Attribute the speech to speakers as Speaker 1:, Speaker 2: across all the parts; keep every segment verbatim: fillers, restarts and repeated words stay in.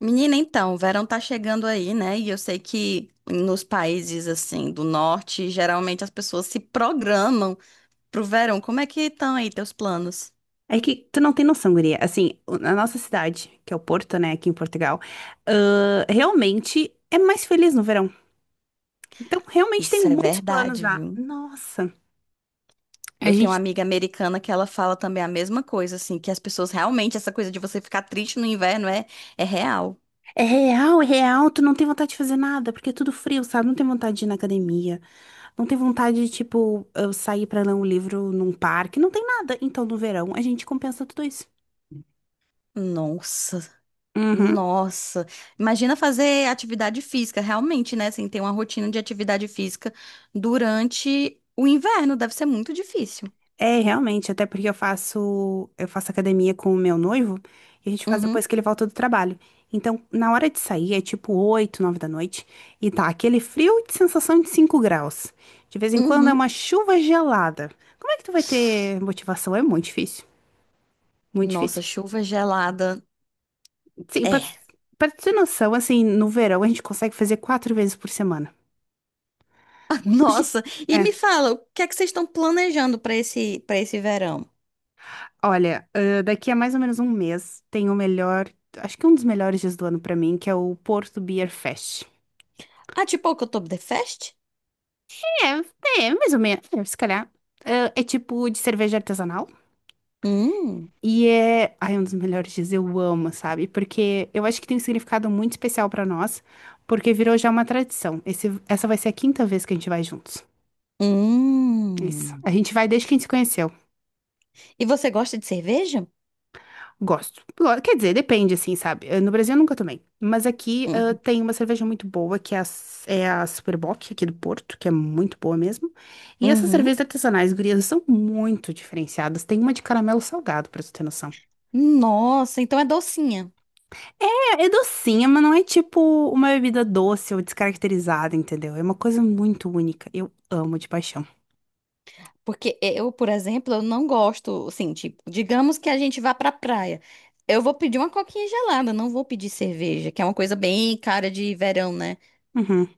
Speaker 1: Menina, então, o verão tá chegando aí, né? E eu sei que nos países assim do norte, geralmente as pessoas se programam pro verão. Como é que estão aí teus planos?
Speaker 2: É que tu não tem noção, guria. Assim, o- a nossa cidade, que é o Porto, né, aqui em Portugal, ãh, realmente é mais feliz no verão. Então, realmente tem
Speaker 1: Isso é
Speaker 2: muitos planos
Speaker 1: verdade,
Speaker 2: já.
Speaker 1: viu?
Speaker 2: Nossa, a
Speaker 1: Eu tenho uma
Speaker 2: gente.
Speaker 1: amiga americana que ela fala também a mesma coisa, assim, que as pessoas realmente, essa coisa de você ficar triste no inverno é, é real.
Speaker 2: É real, é real. Tu não tem vontade de fazer nada, porque é tudo frio, sabe? Não tem vontade de ir na academia. Não tem vontade de, tipo, eu sair pra ler um livro num parque. Não tem nada. Então, no verão, a gente compensa tudo isso.
Speaker 1: Nossa,
Speaker 2: Uhum.
Speaker 1: nossa. Imagina fazer atividade física, realmente, né? Assim, ter uma rotina de atividade física durante o inverno, deve ser muito difícil.
Speaker 2: É, realmente, até porque eu faço, eu faço academia com o meu noivo e a gente faz
Speaker 1: Uhum.
Speaker 2: depois que ele volta do trabalho. Então, na hora de sair, é tipo oito nove da noite e tá aquele frio de sensação de cinco graus. De vez em quando é
Speaker 1: Uhum.
Speaker 2: uma chuva gelada. Como é que tu vai ter motivação? É muito difícil, muito
Speaker 1: Nossa,
Speaker 2: difícil.
Speaker 1: chuva gelada.
Speaker 2: Sim, pra,
Speaker 1: É.
Speaker 2: pra ter noção, assim, no verão a gente consegue fazer quatro vezes por semana. Nos di-
Speaker 1: Nossa, e me
Speaker 2: É.
Speaker 1: fala, o que é que vocês estão planejando para esse para esse verão?
Speaker 2: Olha, ãh, daqui a mais ou menos um mês tem o melhor, acho que um dos melhores dias do ano pra mim, que é o Porto Beer Fest.
Speaker 1: Ah, tipo o Oktoberfest?
Speaker 2: É, é, mais ou menos, é, se calhar. Ãh, É, tipo de cerveja artesanal.
Speaker 1: Hum.
Speaker 2: E é, ai, um dos melhores dias, eu amo, sabe? Porque eu acho que tem um significado muito especial pra nós, porque virou já uma tradição. Esse, essa vai ser a quinta vez que a gente vai juntos. Isso.
Speaker 1: Hum.
Speaker 2: A gente vai desde que a gente se conheceu.
Speaker 1: E você gosta de cerveja?
Speaker 2: Gosto. Lo- Quer dizer, depende, assim, sabe? Eh, No Brasil eu nunca tomei. Mas aqui ah,
Speaker 1: Uhum.
Speaker 2: tem uma cerveja muito boa, que é a, S- é a Superbock, aqui do Porto, que é muito boa mesmo. E essas
Speaker 1: Uhum.
Speaker 2: cervejas artesanais, gurias, são muito diferenciadas. Tem uma de caramelo salgado, pra tu ter noção.
Speaker 1: Nossa, então é docinha.
Speaker 2: É, é docinha, mas não é tipo uma bebida doce ou descaracterizada, entendeu? É uma coisa muito única. Eu amo de paixão.
Speaker 1: Porque eu, por exemplo, eu não gosto, assim, tipo, digamos que a gente vá pra praia. Eu vou pedir uma coquinha gelada, não vou pedir cerveja, que é uma coisa bem cara de verão, né?
Speaker 2: Uhum.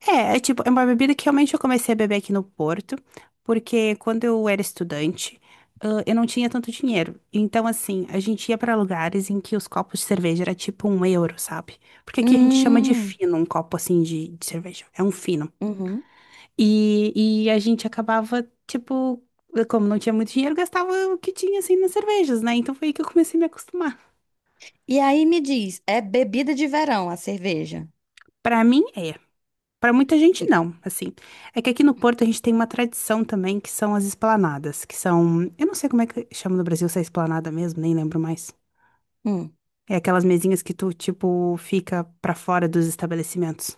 Speaker 2: É, é tipo, é uma bebida que realmente eu comecei a beber aqui no Porto, porque quando eu era estudante, ãh, eu não tinha tanto dinheiro. Então, assim, a gente ia pra lugares em que os copos de cerveja era tipo um euro, sabe? Porque aqui a gente chama de
Speaker 1: Hum.
Speaker 2: fino, um copo assim de, de cerveja. É um fino.
Speaker 1: Uhum.
Speaker 2: E, e a gente acabava, tipo, como não tinha muito dinheiro, gastava o que tinha assim nas cervejas, né? Então foi aí que eu comecei a me acostumar.
Speaker 1: E aí me diz, é bebida de verão a cerveja?
Speaker 2: Pra mim, é. Para muita gente, não, assim. É que aqui no Porto a gente tem uma tradição também, que são as esplanadas, que são... Eu não sei como é que chama no Brasil se é esplanada mesmo, nem lembro mais.
Speaker 1: Hum.
Speaker 2: É aquelas mesinhas que tu, tipo, fica pra fora dos estabelecimentos.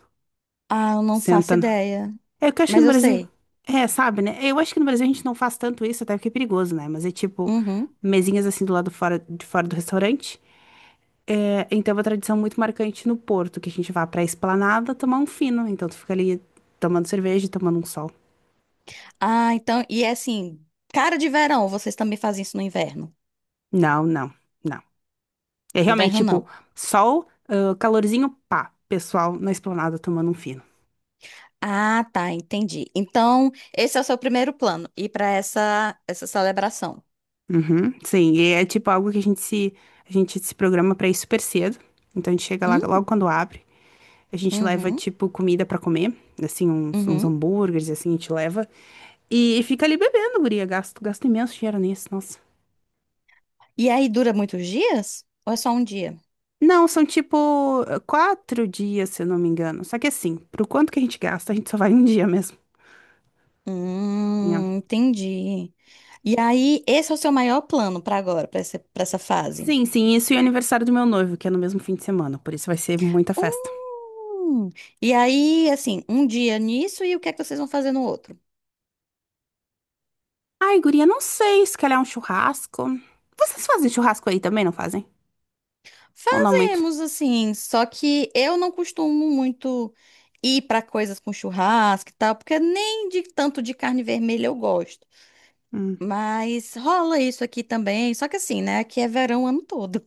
Speaker 1: Ah, eu não faço
Speaker 2: Senta. na-
Speaker 1: ideia,
Speaker 2: É o que eu acho que
Speaker 1: mas
Speaker 2: no
Speaker 1: eu
Speaker 2: Brasil...
Speaker 1: sei.
Speaker 2: É, sabe, né? Eu acho que no Brasil a gente não faz tanto isso, até porque é perigoso, né? Mas é tipo,
Speaker 1: Uhum.
Speaker 2: mesinhas assim do lado fora, de fora do restaurante. É, então é uma tradição muito marcante no Porto, que a gente vá pra esplanada tomar um fino. Então tu fica ali tomando cerveja, e tomando um sol.
Speaker 1: Ah, então, e é assim, cara de verão, vocês também fazem isso no inverno?
Speaker 2: Não, não, não. É realmente
Speaker 1: Inverno
Speaker 2: tipo
Speaker 1: não.
Speaker 2: sol, ah, calorzinho, pá, pessoal na esplanada tomando um fino.
Speaker 1: Ah, tá, entendi. Então, esse é o seu primeiro plano, ir para essa essa celebração.
Speaker 2: Uhum, sim, e é tipo algo que a gente se a gente se programa pra ir super cedo. Então a gente chega lá logo
Speaker 1: Hum,
Speaker 2: quando abre, a gente leva
Speaker 1: uhum,
Speaker 2: tipo comida pra comer, assim uns, uns
Speaker 1: uhum.
Speaker 2: hambúrgueres assim, a gente leva e fica ali bebendo, guria, gasto gasto imenso dinheiro nisso, nossa.
Speaker 1: E aí dura muitos dias? Ou é só um dia?
Speaker 2: Não, são tipo quatro dias, se eu não me engano. Só que assim, pro quanto que a gente gasta, a gente só vai um dia mesmo.
Speaker 1: Hum, entendi. E aí, esse é o seu maior plano para agora, para essa, para essa fase?
Speaker 2: Sim, sim, isso e o aniversário do meu noivo, que é no mesmo fim de semana, por isso vai ser muita festa.
Speaker 1: Hum. E aí, assim, um dia nisso e o que é que vocês vão fazer no outro?
Speaker 2: Ai, guria, não sei, se calhar um churrasco. Vocês fazem churrasco aí também, não fazem? Ou não muito?
Speaker 1: Fazemos, assim, só que eu não costumo muito ir para coisas com churrasco e tal, porque nem de tanto de carne vermelha eu gosto.
Speaker 2: Hum.
Speaker 1: Mas rola isso aqui também, só que assim, né? Aqui é verão o ano todo.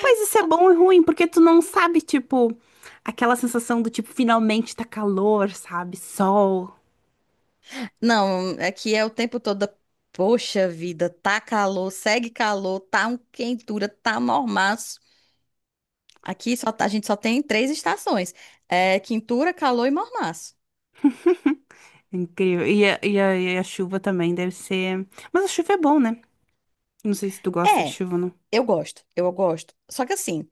Speaker 2: Pois isso é bom e ruim, porque tu não sabe, tipo, aquela sensação do tipo, finalmente tá calor, sabe? Sol.
Speaker 1: Não, aqui é o tempo todo. Poxa vida, tá calor, segue calor, tá um quentura, tá normal. Aqui só, tá- a gente só tem três estações: é, quintura, calor e mormaço.
Speaker 2: Incrível. E a, e a, e a chuva também deve ser. Mas a chuva é bom, né? Não sei se tu gosta de
Speaker 1: É,
Speaker 2: chuva ou não.
Speaker 1: eu gosto, eu gosto. Só que assim,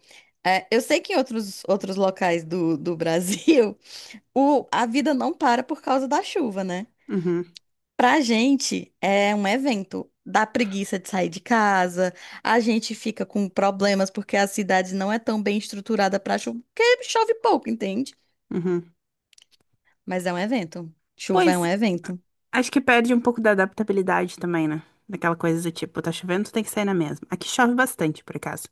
Speaker 1: é, eu sei que em outros, outros locais do, do Brasil o, a vida não para por causa da chuva, né?
Speaker 2: Uhum,
Speaker 1: Pra gente é um evento. Dá preguiça de sair de casa, a gente fica com problemas porque a cidade não é tão bem estruturada pra chuva, porque chove pouco, entende?
Speaker 2: uhum.
Speaker 1: Mas é um evento. Chuva é um
Speaker 2: Pois
Speaker 1: evento.
Speaker 2: acho que perde um pouco da adaptabilidade também, né? Daquela coisa do tipo, tá chovendo, tu tem que sair na mesma. Aqui chove bastante, por acaso.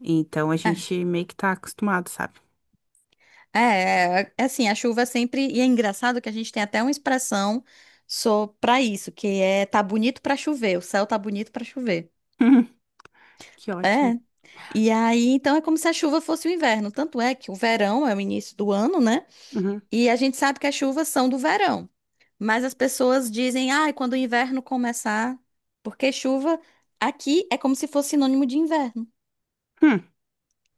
Speaker 2: Então a
Speaker 1: É.
Speaker 2: gente meio que tá acostumado, sabe?
Speaker 1: É, é, é assim, a chuva sempre. E é engraçado que a gente tem até uma expressão só pra isso, que é tá bonito pra chover, o céu tá bonito pra chover.
Speaker 2: Que
Speaker 1: É.
Speaker 2: ótimo.
Speaker 1: E aí, então é como se a chuva fosse o inverno. Tanto é que o verão é o início do ano, né?
Speaker 2: Uhum.
Speaker 1: E a gente sabe que as chuvas são do verão. Mas as pessoas dizem, ah, quando o inverno começar, porque chuva aqui é como se fosse sinônimo de inverno.
Speaker 2: Hum.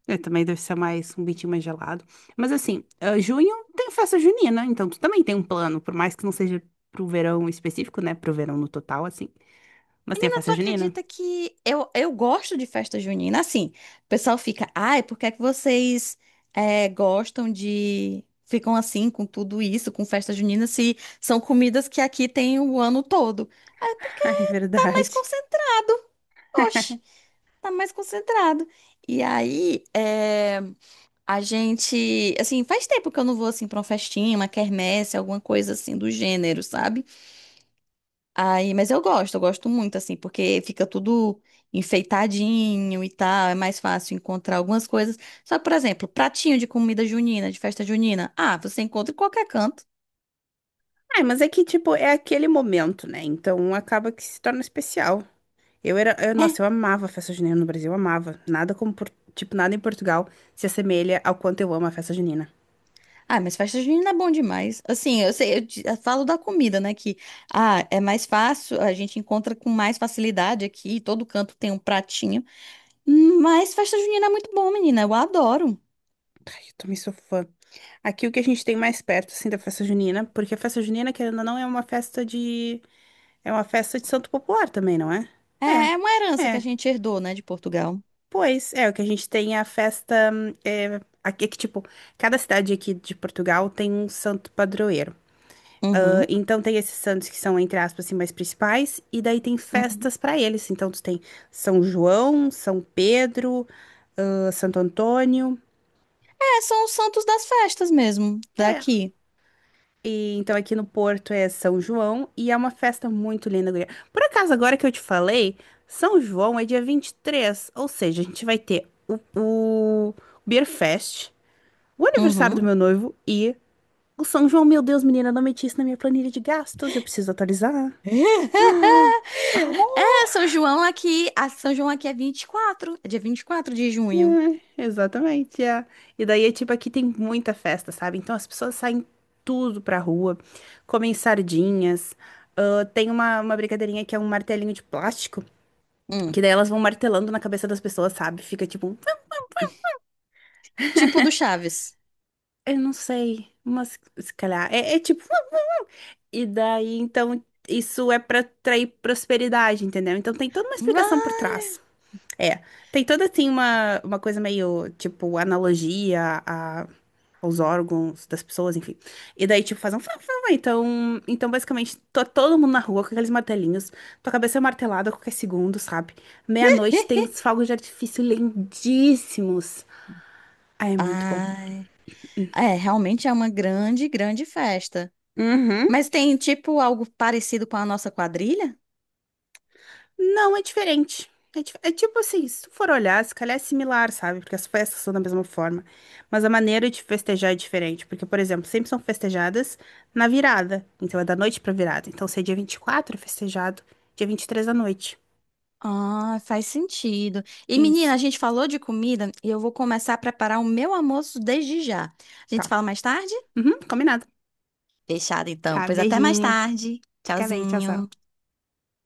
Speaker 2: É, também deve ser mais um bitinho mais gelado. Mas assim, ah, junho tem festa junina, então tu também tem um plano, por mais que não seja pro verão específico, né? Pro verão no total, assim. Mas tem a
Speaker 1: Menina,
Speaker 2: festa
Speaker 1: tu
Speaker 2: junina.
Speaker 1: acredita que eu, eu gosto de festa junina? Assim, o pessoal fica, ai, por que é que vocês é, gostam de. Ficam assim com tudo isso, com festa junina, se são comidas que aqui tem o ano todo? Ah, é porque
Speaker 2: É
Speaker 1: tá mais
Speaker 2: verdade.
Speaker 1: concentrado. Oxe, tá mais concentrado. E aí, é, a gente. Assim, faz tempo que eu não vou assim pra uma festinha, uma quermesse, alguma coisa assim do gênero, sabe? Aí, mas eu gosto, eu gosto muito, assim, porque fica tudo enfeitadinho e tal, é mais fácil encontrar algumas coisas. Só que, por exemplo, pratinho de comida junina, de festa junina. Ah, você encontra em qualquer canto.
Speaker 2: Ah, mas é que, tipo, é aquele momento, né? Então acaba que se torna especial. Eu era, eu,
Speaker 1: É.
Speaker 2: nossa, eu amava a festa junina no Brasil, eu amava. Nada como, por- tipo, nada em Portugal se assemelha ao quanto eu amo a festa junina.
Speaker 1: Ah, mas festa junina é bom demais. Assim, eu sei, eu, di- eu falo da comida, né? Que, ah, é mais fácil, a gente encontra com mais facilidade aqui, todo canto tem um pratinho. Mas festa junina é muito bom, menina, eu adoro.
Speaker 2: Ai, eu também sou fã. Aqui o que a gente tem mais perto, assim, da festa junina, porque a festa junina, querendo ou não, é uma festa de... É uma festa de santo popular também, não é?
Speaker 1: É, é uma
Speaker 2: É,
Speaker 1: herança que a
Speaker 2: é.
Speaker 1: gente herdou, né, de Portugal.
Speaker 2: Pois, é, o que a gente tem é a festa... hum, É, aqui, é que, tipo, cada cidade aqui de Portugal tem um santo padroeiro.
Speaker 1: Uhum.
Speaker 2: Então tem esses santos que são, entre aspas, assim, mais principais, e daí tem
Speaker 1: Uhum.
Speaker 2: festas para eles. Então tu tem São João, São Pedro, ah, Santo Antônio.
Speaker 1: É, são os santos das festas mesmo,
Speaker 2: É.
Speaker 1: daqui.
Speaker 2: E, então aqui no Porto é São João e é uma festa muito linda, guria. Por acaso, agora que eu te falei, São João é dia vinte e três, ou seja, a gente vai ter o, o, Beer Fest, o aniversário do
Speaker 1: Uhum.
Speaker 2: meu noivo e o São João. Meu Deus, menina, não meti isso na minha planilha de gastos, eu preciso atualizar.
Speaker 1: É,
Speaker 2: Ah,
Speaker 1: São João aqui, a São João aqui é vinte e quatro, é dia vinte e quatro de junho.
Speaker 2: É, exatamente. É. E daí é tipo, aqui tem muita festa, sabe? Então as pessoas saem tudo pra rua, comem sardinhas. Ah, tem uma, uma brincadeirinha que é um martelinho de plástico,
Speaker 1: Hum,
Speaker 2: que daí elas vão martelando na cabeça das pessoas, sabe? Fica tipo, um,
Speaker 1: tipo do Chaves.
Speaker 2: eu não sei, mas se calhar. É, é tipo, um, e daí então isso é pra atrair prosperidade, entendeu? Então tem toda uma explicação por
Speaker 1: Vai.
Speaker 2: trás. É, tem toda assim uma, uma coisa meio tipo analogia os órgãos das pessoas, enfim. E daí, tipo, faz um... fá, fá, fá. Então, então basicamente, to- todo mundo na rua com aqueles martelinhos. Tua cabeça é martelada a qualquer segundo, sabe? Meia-noite tem os fogos de artifício lindíssimos. Ah, é muito bom.
Speaker 1: Ai, é, realmente é uma grande, grande festa.
Speaker 2: Uhum.
Speaker 1: Mas tem tipo algo parecido com a nossa quadrilha?
Speaker 2: Não, é diferente. É, dif- é tipo assim, se tu for olhar, se calhar é similar, sabe? Porque as festas são da mesma forma. Mas a maneira de festejar é diferente. Porque, por exemplo, sempre são festejadas na virada. Então é da noite pra virada. Então se é dia vinte e quatro, é festejado dia vinte e três da noite.
Speaker 1: Ah, faz sentido. E menina,
Speaker 2: Isso.
Speaker 1: a gente falou de comida e eu vou começar a preparar o meu almoço desde já. A gente
Speaker 2: Tá.
Speaker 1: fala mais tarde?
Speaker 2: Uhum, combinado.
Speaker 1: Fechado então.
Speaker 2: Tá,
Speaker 1: Pois até mais
Speaker 2: beijinho.
Speaker 1: tarde.
Speaker 2: Fica bem, tchau,
Speaker 1: Tchauzinho.
Speaker 2: tchau.